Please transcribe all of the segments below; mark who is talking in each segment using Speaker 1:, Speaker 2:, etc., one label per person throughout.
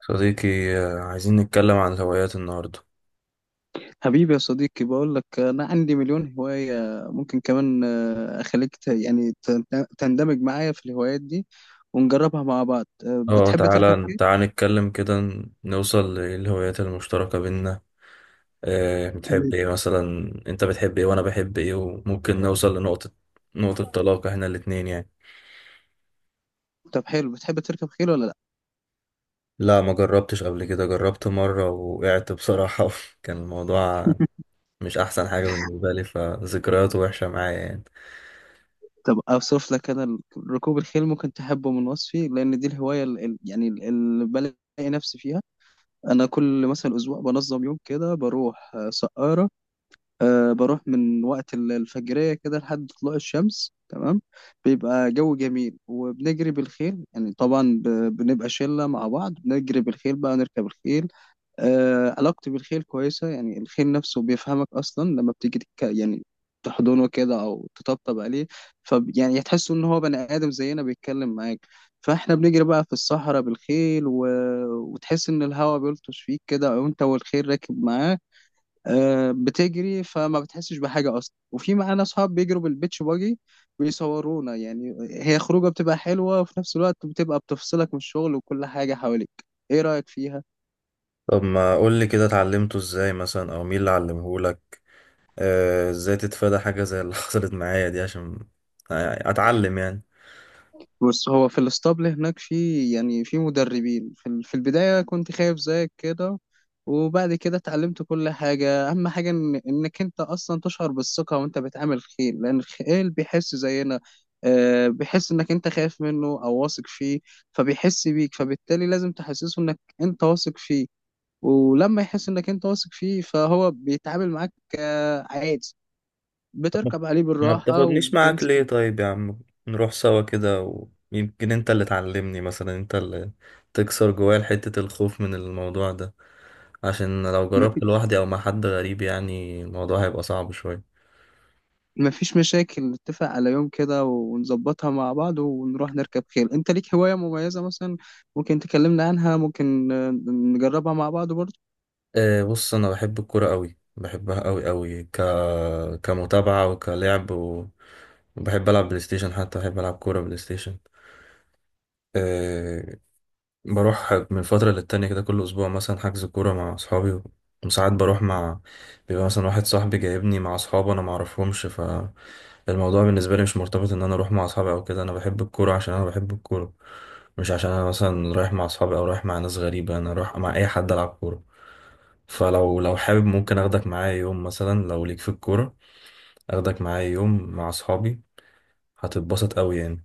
Speaker 1: صديقي، عايزين نتكلم عن الهوايات النهاردة.
Speaker 2: حبيبي يا صديقي بقول لك انا عندي مليون هواية. ممكن كمان، اخليك تندمج معايا في الهوايات دي ونجربها مع بعض.
Speaker 1: اه،
Speaker 2: بتحب تركب
Speaker 1: تعالى
Speaker 2: خيل؟
Speaker 1: تعالى نتكلم كده، نوصل للهوايات المشتركة بينا.
Speaker 2: تمام.
Speaker 1: بتحب ايه مثلا؟ انت بتحب ايه وانا بحب ايه وممكن نوصل لنقطة، نقطة طلاق احنا الاتنين يعني.
Speaker 2: طب حلو، بتحب تركب خيل ولا لا؟
Speaker 1: لا، ما جربتش قبل كده. جربت مرة وقعت بصراحة كان الموضوع مش احسن حاجة بالنسبة لي، فذكرياته وحشة معايا يعني.
Speaker 2: طب اوصف لك انا ركوب الخيل ممكن تحبه من وصفي، لان دي الهواية اللي بلاقي نفسي فيها. انا كل مثلا اسبوع بنظم يوم كده بروح، سقارة. أه بروح من وقت الفجرية كده لحد طلوع الشمس، تمام. بيبقى جو جميل وبنجري بالخيل، يعني طبعا بنبقى شلة مع بعض بنجري بالخيل بقى، نركب الخيل. أه علاقتي بالخيل كويسة، يعني الخيل نفسه بيفهمك أصلا لما بتيجي تك... يعني تحضنه كده أو تطبطب عليه. ف يعني تحس إن هو بني آدم زينا بيتكلم معاك. فاحنا بنجري بقى في الصحراء بالخيل و... وتحس ان الهواء بيلطش فيك كده وانت والخيل راكب معاه. بتجري فما بتحسش بحاجة أصلا، وفي معانا أصحاب بيجروا بالبيتش باجي بيصورونا. يعني هي خروجة بتبقى حلوة وفي نفس الوقت بتبقى بتفصلك من الشغل وكل حاجة حواليك. إيه رأيك فيها؟
Speaker 1: طب ما قول لي كده اتعلمته ازاي مثلا، او مين اللي علمهولك، ازاي تتفادى حاجة زي اللي حصلت معايا دي، عشان اتعلم يعني.
Speaker 2: بص، هو في الاسطبل هناك في، يعني في مدربين. في البداية كنت خايف زيك كده، وبعد كده اتعلمت كل حاجة. أهم حاجة إنك أنت أصلا تشعر بالثقة وأنت بتعامل خيل، لأن الخيل بيحس زينا. بيحس إنك أنت خايف منه أو واثق فيه، فبيحس بيك، فبالتالي لازم تحسسه إنك أنت واثق فيه. ولما يحس إنك أنت واثق فيه فهو بيتعامل معاك عادي، بتركب عليه
Speaker 1: ما
Speaker 2: بالراحة
Speaker 1: بتاخدنيش معاك
Speaker 2: وبتمسك.
Speaker 1: ليه طيب يا عم؟ نروح سوا كده، ويمكن انت اللي تعلمني مثلا، انت اللي تكسر جوايا حتة الخوف من الموضوع ده، عشان لو
Speaker 2: مفيش
Speaker 1: جربت لوحدي او مع حد غريب يعني الموضوع هيبقى صعب شوية.
Speaker 2: مفيش مشاكل، نتفق على يوم كده ونظبطها مع بعض ونروح نركب خيل. انت ليك هواية مميزة مثلا؟ ممكن تكلمنا عنها، ممكن نجربها مع بعض برضه.
Speaker 1: أه، بص انا بحب الكرة قوي، بحبها قوي قوي، كمتابعة وكلعب وبحب العب بلاي ستيشن. حتى بحب العب كورة بلاي ستيشن. آه، بروح من فترة للتانية كده، كل أسبوع مثلا حجز كورة مع أصحابي. وساعات بروح مع، بيبقى مثلا واحد صاحبي جايبني مع أصحابه أنا معرفهمش. فالموضوع بالنسبة لي مش مرتبط إن أنا أروح مع أصحابي أو كده، أنا بحب الكورة عشان أنا بحب الكورة. مش عشان أنا مثلا رايح مع أصحابي أو رايح مع ناس غريبة، أنا رايح مع أي حد ألعب كورة. فلو حابب ممكن أخدك معايا يوم مثلا لو ليك في الكورة، أخدك معايا يوم مع أصحابي، هتتبسط أوي يعني.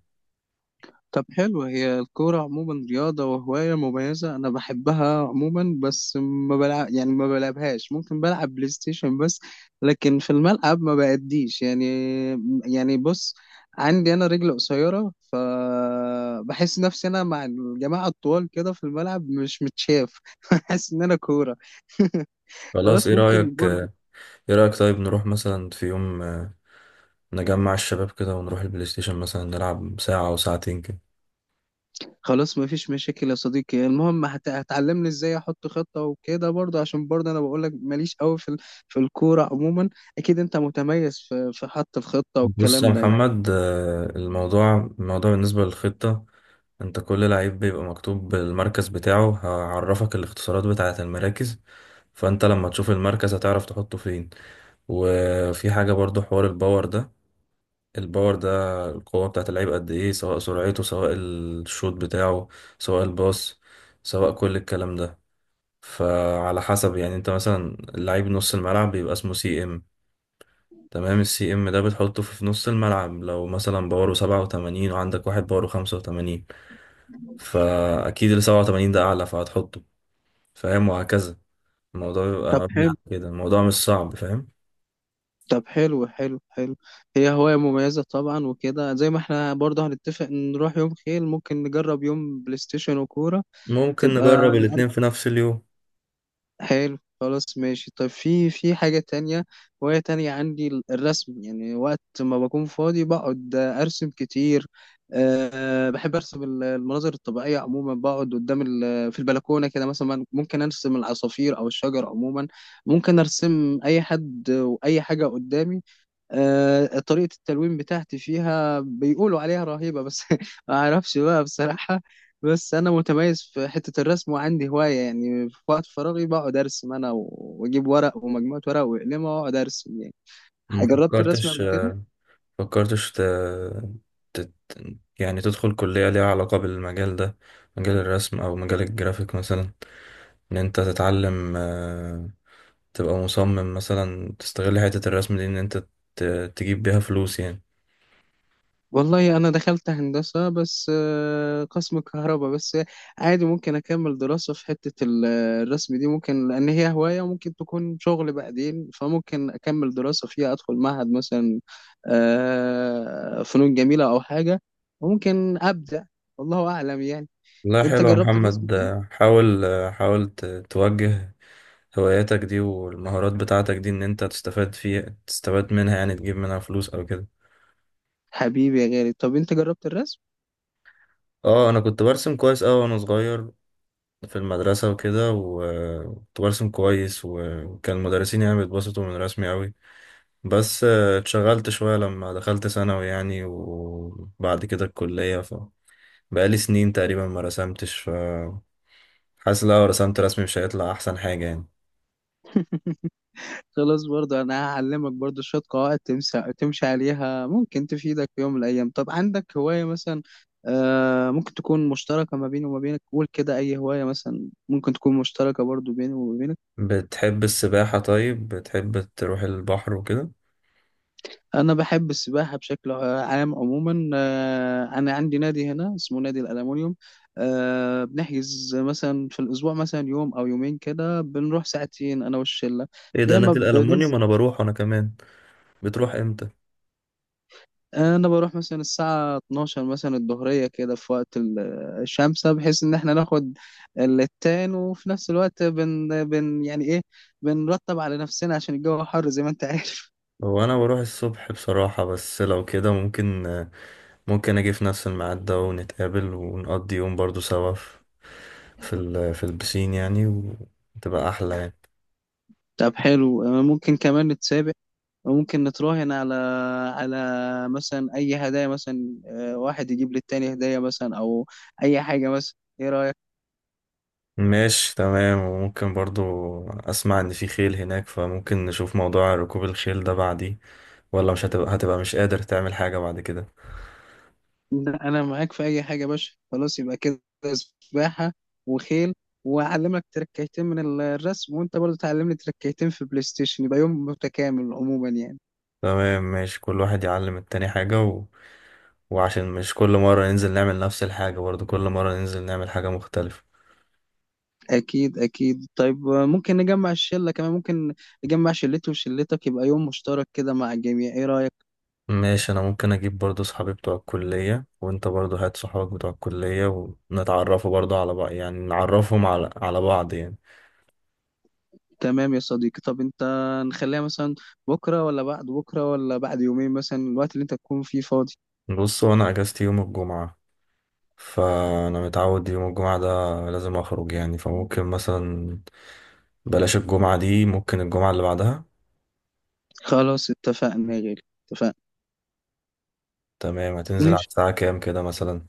Speaker 2: طب حلو، هي الكورة عموما رياضة وهواية مميزة، أنا بحبها عموما بس ما بلعب، يعني ما بلعبهاش. ممكن بلعب بلاي ستيشن بس، لكن في الملعب ما بأديش يعني. يعني بص، عندي أنا رجل قصيرة فبحس نفسي أنا مع الجماعة الطوال كده في الملعب مش متشاف. بحس إن أنا كورة.
Speaker 1: خلاص،
Speaker 2: خلاص، ممكن.
Speaker 1: إيه رأيك طيب نروح مثلا في يوم، نجمع الشباب كده ونروح البلاي ستيشن مثلا، نلعب ساعة أو ساعتين كده.
Speaker 2: خلاص مفيش مشاكل يا صديقي. المهم هتعلمني ازاي احط خطة وكده برضه، عشان برضه انا بقولك ماليش قوي في الكورة عموما. اكيد انت متميز في حط الخطة
Speaker 1: بص يا
Speaker 2: والكلام ده يعني.
Speaker 1: محمد، الموضوع بالنسبة للخطة. أنت كل لعيب بيبقى مكتوب المركز بتاعه، هعرفك الاختصارات بتاعة المراكز. فأنت لما تشوف المركز هتعرف تحطه فين. وفي حاجة برضو، حوار الباور ده القوة بتاعة اللعيب قد إيه، سواء سرعته، سواء الشوط بتاعه، سواء الباص، سواء كل الكلام ده. فعلى حسب يعني، انت مثلا لعيب نص الملعب بيبقى اسمه سي ام. تمام، السي ام ده بتحطه في نص الملعب. لو مثلا باور 87 وعندك واحد باور 85، فأكيد اللي 87 ده أعلى، فهتحطه. فاهم؟ وهكذا. الموضوع بيبقى
Speaker 2: طب
Speaker 1: مبني
Speaker 2: حلو.
Speaker 1: على كده، الموضوع مش صعب، فاهم؟
Speaker 2: طب حلو. هي هواية مميزة طبعا، وكده زي ما احنا برضه هنتفق نروح يوم خيل، ممكن نجرب يوم بلاي ستيشن وكورة.
Speaker 1: ممكن
Speaker 2: تبقى
Speaker 1: نجرب الاتنين في نفس اليوم.
Speaker 2: حلو، خلاص ماشي. طب في، في حاجة تانية وهي تانية عندي الرسم. يعني وقت ما بكون فاضي بقعد أرسم كتير. أه بحب أرسم المناظر الطبيعية عموما، بقعد قدام ال- في البلكونة كده. مثلا ممكن أرسم العصافير أو الشجر عموما، ممكن أرسم أي حد وأي حاجة قدامي. طريقة التلوين بتاعتي فيها بيقولوا عليها رهيبة، بس ما اعرفش بقى بصراحة. بس انا متميز في حتة الرسم وعندي هواية، يعني في وقت فراغي بقعد ارسم انا واجيب ورق ومجموعة ورق وأقلمها واقعد ارسم يعني.
Speaker 1: ما
Speaker 2: جربت الرسم
Speaker 1: فكرتش،
Speaker 2: قبل كده؟
Speaker 1: فكرتش ت... ت... يعني تدخل كلية ليها علاقة بالمجال ده، مجال الرسم أو مجال الجرافيك مثلا. إن أنت تتعلم، تبقى مصمم مثلا، تستغل حتة الرسم دي، إن أنت ت- تجيب بيها فلوس يعني.
Speaker 2: والله انا دخلت هندسه، بس قسم كهرباء بس. عادي ممكن اكمل دراسه في حته الرسم دي، ممكن، لان هي هوايه وممكن تكون شغل بعدين، فممكن اكمل دراسه فيها، ادخل معهد مثلا فنون جميله او حاجه. وممكن ابدع، والله اعلم يعني.
Speaker 1: لا،
Speaker 2: انت
Speaker 1: حلو يا
Speaker 2: جربت الرسم
Speaker 1: محمد.
Speaker 2: طيب؟
Speaker 1: حاول توجه هواياتك دي والمهارات بتاعتك دي، إن أنت تستفاد منها يعني، تجيب منها فلوس أو كده.
Speaker 2: حبيبي يا غالي، طب انت جربت الرسم؟
Speaker 1: اه، أنا كنت برسم كويس أوي وأنا صغير في المدرسة وكده، وكنت برسم كويس، وكان المدرسين يعني بيتبسطوا من رسمي أوي. بس اتشغلت شوية لما دخلت ثانوي يعني، وبعد كده الكلية. بقالي سنين تقريبا ما رسمتش، ف حاسس لو رسمت رسمي مش هيطلع احسن حاجة يعني.
Speaker 2: خلاص، برضه انا هعلمك برضه شوية قواعد تمشي عليها، ممكن تفيدك في يوم من الايام. طب عندك هواية مثلا آه، ممكن تكون مشتركة ما بيني وما بينك؟ قول كده، اي هواية مثلا ممكن تكون مشتركة برضه بيني وما بينك.
Speaker 1: بتحب السباحة؟ طيب بتحب تروح البحر وكده؟
Speaker 2: انا بحب السباحة بشكل عام عموما. آه انا عندي نادي هنا اسمه نادي الألمونيوم. آه بنحجز مثلا في الاسبوع مثلا يوم او يومين كده، بنروح ساعتين انا والشلة.
Speaker 1: ايه ده؟
Speaker 2: يا اما
Speaker 1: نادي
Speaker 2: بننزل.
Speaker 1: الألمونيوم؟ انا بروح وانا كمان. بتروح امتى؟
Speaker 2: انا بروح مثلا الساعه 12 مثلا الظهريه كده، في وقت الشمسه، بحيث ان احنا ناخد التان، وفي نفس الوقت بن, بن يعني ايه بنرتب على نفسنا عشان الجو حر زي ما انت عارف.
Speaker 1: هو انا بروح الصبح بصراحة، بس لو كده ممكن اجي في نفس الميعاد ده ونتقابل ونقضي يوم برضو سوا في البسين يعني، وتبقى احلى يعني.
Speaker 2: طب حلو، ممكن كمان نتسابق، وممكن نتراهن على، على مثلا اي هدايا مثلا، واحد يجيب للتاني هدايا مثلا او اي حاجه مثلا. ايه رايك؟
Speaker 1: ماشي تمام. وممكن برضو اسمع ان في خيل هناك، فممكن نشوف موضوع ركوب الخيل ده بعديه، ولا مش هتبقى مش قادر تعمل حاجة بعد كده؟
Speaker 2: لا انا معاك في اي حاجه يا باشا. خلاص يبقى كده سباحه وخيل، واعلمك تركيتين من الرسم، وانت برضه تعلمني تركيتين في بلاي ستيشن. يبقى يوم متكامل عموما يعني.
Speaker 1: تمام ماشي. كل واحد يعلم التاني حاجة، وعشان مش كل مرة ننزل نعمل نفس الحاجة برضو، كل مرة ننزل نعمل حاجة مختلفة.
Speaker 2: اكيد اكيد. طيب ممكن نجمع الشله كمان، ممكن نجمع شلتي وشلتك يبقى يوم مشترك كده مع الجميع. ايه رايك؟
Speaker 1: ماشي. أنا ممكن أجيب برضو صحابي بتوع الكلية، وأنت برضو هات صحابك بتوع الكلية، ونتعرفوا برضو على بعض يعني، نعرفهم على بعض يعني.
Speaker 2: تمام يا صديقي. طب انت نخليها مثلا بكره ولا بعد بكره ولا بعد يومين مثلا، الوقت اللي انت تكون فيه فاضي؟
Speaker 1: بص، هو أنا أجازتي يوم الجمعة، فأنا متعود يوم الجمعة ده لازم أخرج يعني. فممكن مثلا بلاش الجمعة دي، ممكن الجمعة اللي بعدها.
Speaker 2: خلاص اتفقنا يا غالي، اتفقنا.
Speaker 1: تمام. هتنزل على
Speaker 2: ماشي،
Speaker 1: الساعة كام كده مثلا؟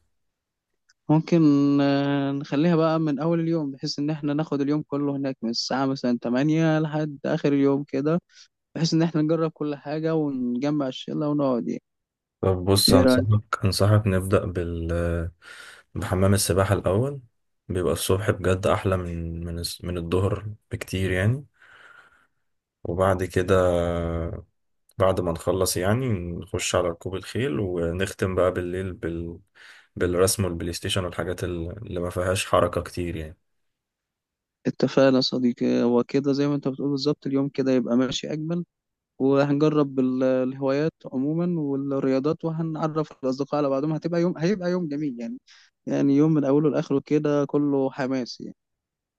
Speaker 2: ممكن نخليها بقى من أول اليوم، بحيث إن إحنا ناخد اليوم كله هناك من الساعة مثلا تمانية لحد آخر اليوم كده، بحيث إن إحنا نجرب كل حاجة ونجمع الشلة ونقعد يعني.
Speaker 1: طب بص،
Speaker 2: إيه رأيك؟
Speaker 1: أنصحك نبدأ بحمام السباحة الأول. بيبقى الصبح بجد أحلى من الظهر بكتير يعني. وبعد كده، بعد ما نخلص يعني نخش على ركوب الخيل، ونختم بقى بالليل بالرسم والبلاي ستيشن والحاجات اللي ما فيهاش حركة كتير يعني.
Speaker 2: اتفقنا يا صديقي. وكده زي ما أنت بتقول بالظبط، اليوم كده يبقى ماشي أجمل، وهنجرب الهوايات عموما والرياضات، وهنعرف الأصدقاء على بعضهم. هتبقى يوم، هيبقى يوم جميل يعني. يعني يوم من أوله لآخره كده كله حماس يعني.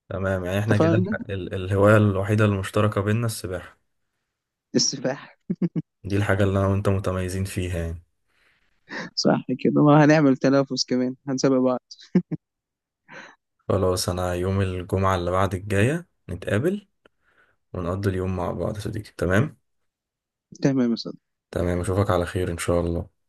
Speaker 1: تمام يعني، احنا كده
Speaker 2: اتفقنا؟
Speaker 1: الهواية الوحيدة المشتركة بيننا السباحة،
Speaker 2: السفاح.
Speaker 1: دي الحاجة اللي أنا وأنت متميزين فيها يعني.
Speaker 2: صح كده، وهنعمل تنافس كمان، هنسابق بعض.
Speaker 1: خلاص، أنا يوم الجمعة اللي بعد الجاية نتقابل ونقضي اليوم مع بعض يا صديقي، تمام؟
Speaker 2: تمام يا صديقي.
Speaker 1: تمام، اشوفك على خير ان شاء الله.